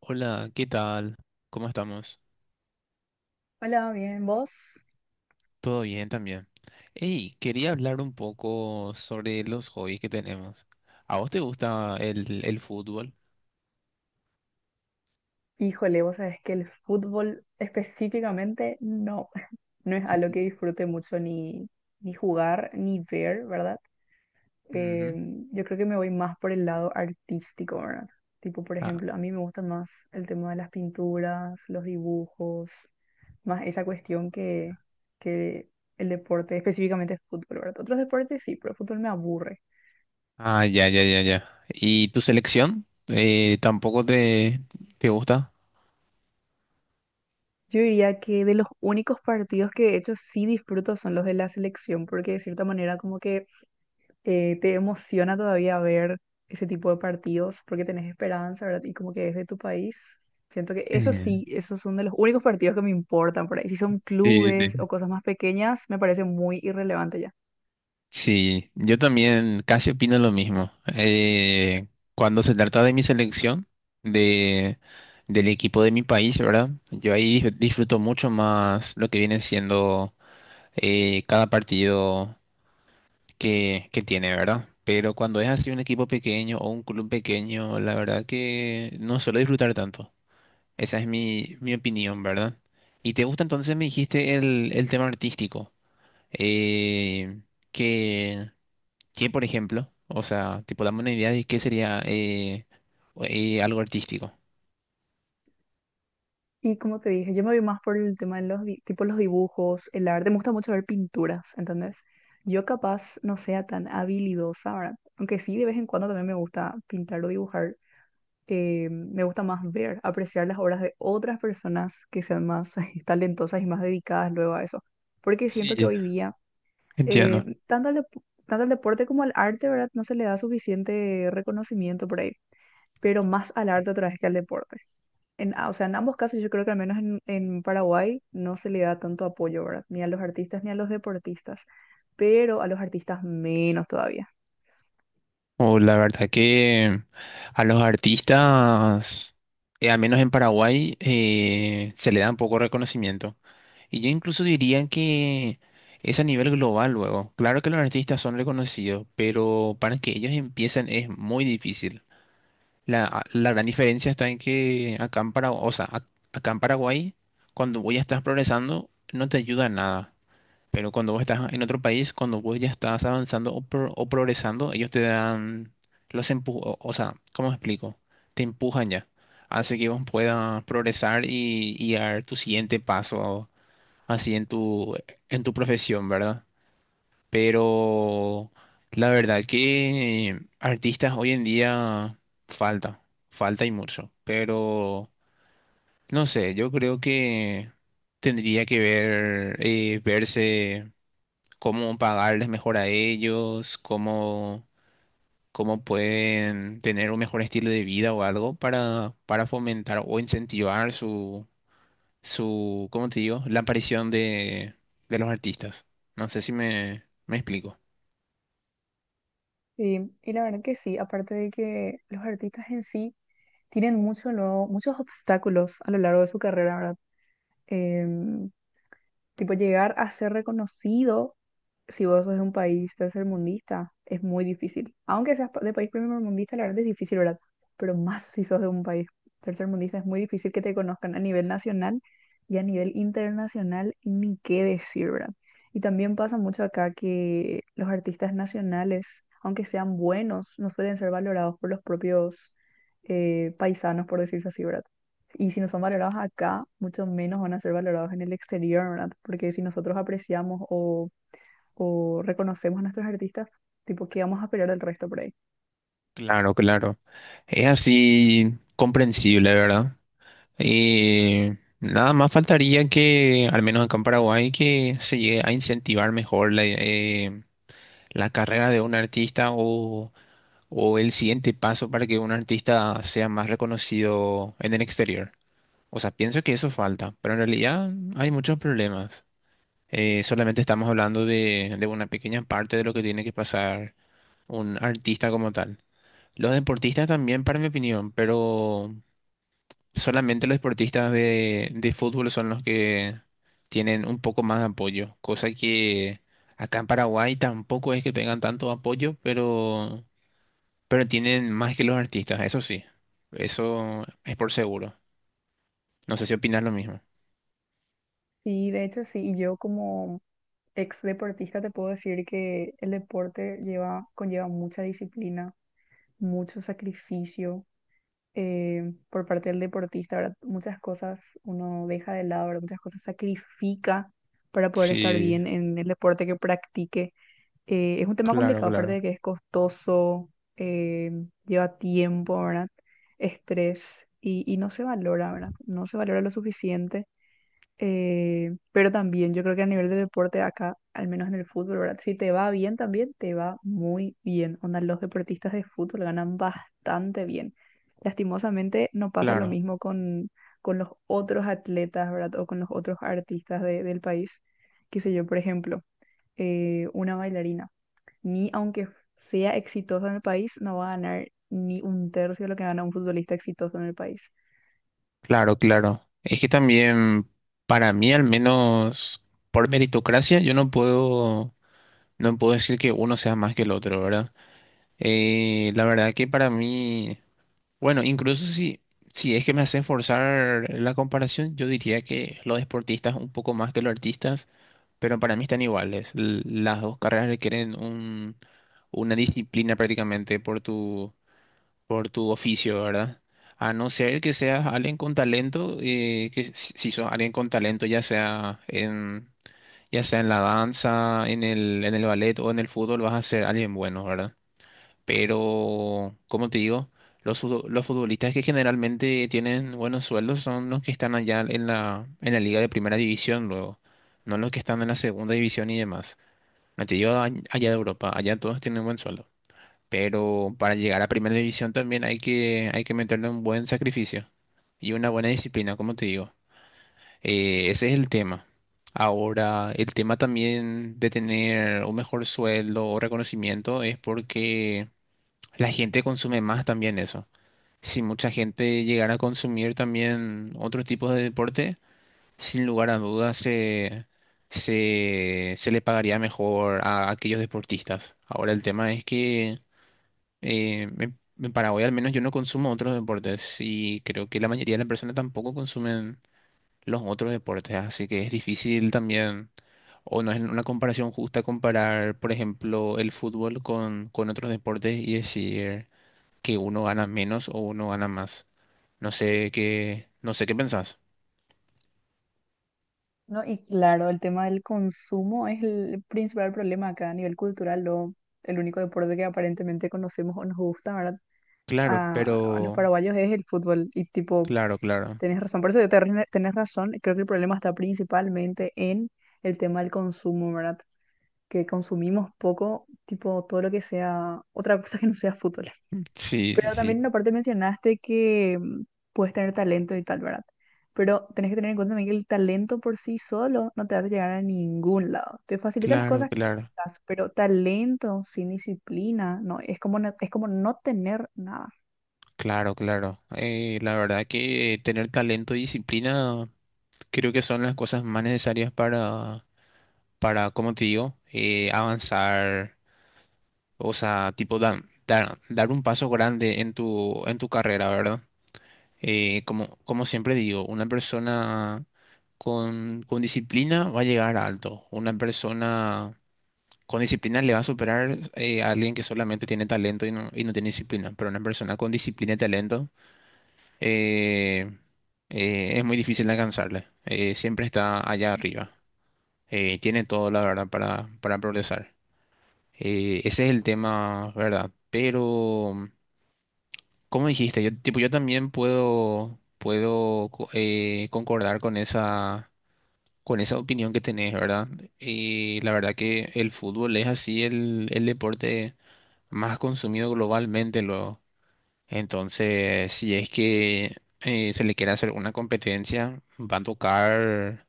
Hola, ¿qué tal? ¿Cómo estamos? Hola, bien, ¿vos? ¿Todo bien también? Hey, quería hablar un poco sobre los hobbies que tenemos. ¿A vos te gusta el fútbol? Híjole, vos sabés que el fútbol específicamente no, no es algo que disfrute mucho ni, ni jugar ni ver, ¿verdad? Eh, Ujú. yo creo que me voy más por el lado artístico, ¿verdad? Tipo, por Ah, ejemplo, a mí me gusta más el tema de las pinturas, los dibujos, más esa cuestión que el deporte, específicamente el fútbol, ¿verdad? Otros deportes sí, pero el fútbol me aburre. ah, ya, ya, ya, ya. ¿Y tu selección? ¿Tampoco te gusta? Yo diría que de los únicos partidos que de hecho sí disfruto son los de la selección, porque de cierta manera como que te emociona todavía ver ese tipo de partidos, porque tenés esperanza, ¿verdad? Y como que es de tu país. Siento que eso Mm, sí, esos son de los únicos partidos que me importan por ahí. Si son sí, sí. clubes o cosas más pequeñas, me parece muy irrelevante ya. Sí, yo también casi opino lo mismo. Cuando se trata de mi selección, de, del equipo de mi país, ¿verdad? Yo ahí disfruto mucho más lo que viene siendo cada partido que tiene, ¿verdad? Pero cuando es así un equipo pequeño o un club pequeño, la verdad que no suelo disfrutar tanto. Esa es mi opinión, ¿verdad? ¿Y te gusta entonces, me dijiste, el tema artístico? Eh, que ¿Qué, por ejemplo? O sea, tipo, dame una idea de qué sería algo artístico. Y como te dije, yo me voy más por el tema de los, tipo los dibujos, el arte. Me gusta mucho ver pinturas, ¿entendés? Yo capaz no sea tan habilidosa, ¿verdad? Aunque sí, de vez en cuando también me gusta pintar o dibujar. Me gusta más ver, apreciar las obras de otras personas que sean más talentosas y más dedicadas luego a eso. Porque siento que Sí, hoy día, entiendo. tanto al, tanto al deporte como al arte, ¿verdad? No se le da suficiente reconocimiento por ahí, pero más al arte otra vez que al deporte. O sea, en ambos casos yo creo que al menos en Paraguay no se le da tanto apoyo, ¿verdad? Ni a los artistas ni a los deportistas, pero a los artistas menos todavía. O la verdad que a los artistas, al menos en Paraguay, se le da un poco reconocimiento. Y yo incluso diría que es a nivel global luego. Claro que los artistas son reconocidos, pero para que ellos empiecen es muy difícil. La gran diferencia está en que acá en Paraguay, o sea, acá en Paraguay, cuando vos ya estás progresando, no te ayuda nada. Pero cuando vos estás en otro país, cuando vos ya estás avanzando o progresando, ellos te dan los empujos, o sea, ¿cómo explico? Te empujan ya. Hace que vos puedas progresar y dar tu siguiente paso así en en tu profesión, ¿verdad? Pero la verdad que artistas hoy en día falta, falta y mucho. Pero no sé, yo creo que tendría que ver, verse cómo pagarles mejor a ellos, cómo, cómo pueden tener un mejor estilo de vida o algo para fomentar o incentivar su, su, ¿cómo te digo? La aparición de los artistas. No sé si me explico. Y la verdad que sí, aparte de que los artistas en sí tienen mucho, lo muchos obstáculos a lo largo de su carrera, ¿verdad? Em, Tipo llegar a ser reconocido si vos sos de un país tercermundista, es muy difícil. Aunque seas de país primermundista, la verdad es difícil, ¿verdad? Pero más si sos de un país tercermundista, es muy difícil que te conozcan a nivel nacional y a nivel internacional, ni qué decir, ¿verdad? Y también pasa mucho acá que los artistas nacionales, aunque sean buenos, no suelen ser valorados por los propios paisanos, por decirse así, ¿verdad? Y si no son valorados acá, mucho menos van a ser valorados en el exterior, ¿verdad? Porque si nosotros apreciamos o reconocemos a nuestros artistas, tipo, ¿qué vamos a esperar del resto por ahí? Claro, claro. Es así comprensible, ¿verdad? Y nada más faltaría que, al menos acá en Paraguay, que se llegue a incentivar mejor la, la carrera de un artista o el siguiente paso para que un artista sea más reconocido en el exterior. O sea, pienso que eso falta, pero en realidad hay muchos problemas. Solamente estamos hablando de una pequeña parte de lo que tiene que pasar un artista como tal. Los deportistas también, para mi opinión, pero... Solamente los deportistas de fútbol son los que tienen un poco más de apoyo, cosa que acá en Paraguay tampoco es que tengan tanto apoyo, pero tienen más que los artistas, eso sí, eso es por seguro. No sé si opinas lo mismo. Y de hecho, sí, y yo como ex deportista te puedo decir que el deporte lleva, conlleva mucha disciplina, mucho sacrificio por parte del deportista, ¿verdad? Muchas cosas uno deja de lado, ¿verdad? Muchas cosas sacrifica para poder estar Sí, bien en el deporte que practique. Es un tema claro, complicado, aparte claro, de que es costoso, eh, lleva tiempo, ¿verdad? Estrés y no se valora, ¿verdad? No se valora lo suficiente. Pero también yo creo que a nivel de deporte acá, al menos en el fútbol, ¿verdad? Si te va bien también, te va muy bien. Onda, los deportistas de fútbol ganan bastante bien. Lastimosamente no pasa lo claro, mismo con los otros atletas, ¿verdad? O con los otros artistas del país. Qué sé yo, por ejemplo, una bailarina ni aunque sea exitoso en el país, no va a ganar ni un tercio de lo que gana un futbolista exitoso en el país. claro, claro. Es que también, para mí al menos, por meritocracia, yo no puedo, no puedo decir que uno sea más que el otro, ¿verdad? La verdad que para mí... Bueno, incluso si, si es que me hacen forzar la comparación, yo diría que los deportistas un poco más que los artistas, pero para mí están iguales. Las dos carreras requieren una disciplina prácticamente por tu oficio, ¿verdad? A no ser que seas alguien con talento, que si sos alguien con talento, ya sea en la danza, en el ballet o en el fútbol, vas a ser alguien bueno, ¿verdad? Pero, como te digo, los futbolistas que generalmente tienen buenos sueldos son los que están allá en la liga de primera división luego, no los que están en la segunda división y demás. No te digo allá de Europa, allá todos tienen buen sueldo. Pero para llegar a primera división también hay que meterle un buen sacrificio y una buena disciplina, como te digo. Ese es el tema. Ahora, el tema también de tener un mejor sueldo o reconocimiento es porque la gente consume más también eso. Si mucha gente llegara a consumir también otro tipo de deporte, sin lugar a dudas se le pagaría mejor a aquellos deportistas. Ahora el tema es que en Paraguay al menos yo no consumo otros deportes y creo que la mayoría de las personas tampoco consumen los otros deportes, así que es difícil también, o no es una comparación justa comparar, por ejemplo, el fútbol con otros deportes y decir que uno gana menos o uno gana más. No sé qué, no sé qué pensás. No, y claro, el tema del consumo es el principal problema acá a nivel cultural, lo, el único deporte que aparentemente conocemos o nos gusta, ¿verdad? Claro, A los pero paraguayos es el fútbol y tipo, claro, claro. tenés razón, por eso yo te tenés razón, creo que el problema está principalmente en el tema del consumo, ¿verdad? Que consumimos poco, tipo, todo lo que sea, otra cosa que no sea fútbol. Sí, sí, Pero también sí. aparte mencionaste que puedes tener talento y tal, ¿verdad? Pero tenés que tener en cuenta también que el talento por sí solo no te va a llegar a ningún lado. Te facilita las Claro, cosas claro. quizás, pero talento sin disciplina, no, es como, es como no tener nada. Claro, claro. La verdad que tener talento y disciplina creo que son las cosas más necesarias para, como te digo, avanzar, o sea, tipo dar, dar, dar un paso grande en tu carrera, ¿verdad? Como, como siempre digo, una persona con disciplina va a llegar alto. Una persona con disciplina le va a superar a alguien que solamente tiene talento y no tiene disciplina. Pero una persona con disciplina y talento eh, es muy difícil de alcanzarle. Siempre está allá arriba. Tiene todo, la verdad, para progresar. Ese es el tema, ¿verdad? Pero, como dijiste, yo, tipo, yo también puedo, concordar con esa opinión que tenés, ¿verdad? Y la verdad que el fútbol es así el deporte más consumido globalmente luego. Entonces, si es que se le quiere hacer una competencia, va a tocar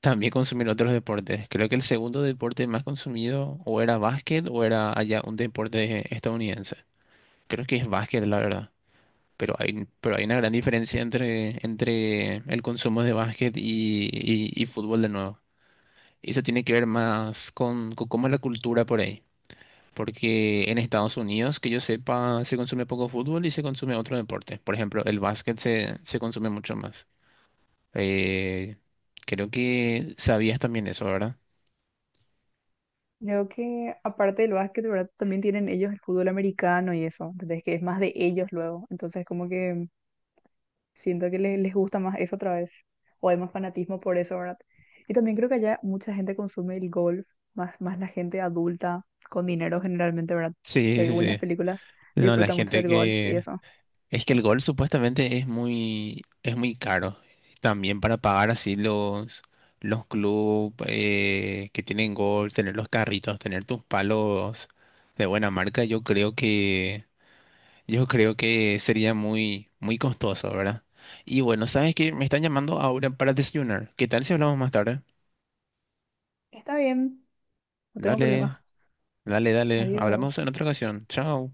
también consumir otros deportes. Creo que el segundo deporte más consumido o era básquet o era allá un deporte estadounidense. Creo que es básquet, la verdad. Pero hay una gran diferencia entre el consumo de básquet y y fútbol de nuevo. Y eso tiene que ver más con cómo es la cultura por ahí. Porque en Estados Unidos, que yo sepa, se consume poco fútbol y se consume otro deporte. Por ejemplo, el básquet se consume mucho más. Eh, Creo que sabías también eso, ¿verdad? Creo que aparte del básquet, ¿verdad? También tienen ellos el fútbol americano y eso, entonces que es más de ellos luego. Entonces como que siento que les gusta más eso otra vez. O hay más fanatismo por eso, ¿verdad? Y también creo que allá mucha gente consume el golf, más la gente adulta, con dinero generalmente, ¿verdad? Sí, sí, Según las sí. películas, No, la disfruta mucho gente del golf y que... eso. Es que el gol supuestamente es muy caro. También para pagar así los clubes que tienen gol, tener los carritos, tener tus palos de buena marca, yo creo que... Yo creo que sería muy, muy costoso, ¿verdad? Y bueno, ¿sabes qué? Me están llamando ahora para desayunar. ¿Qué tal si hablamos más tarde? Está bien, no tengo Dale, problema. dale, dale. Adiós. Hablamos en otra ocasión. Chao.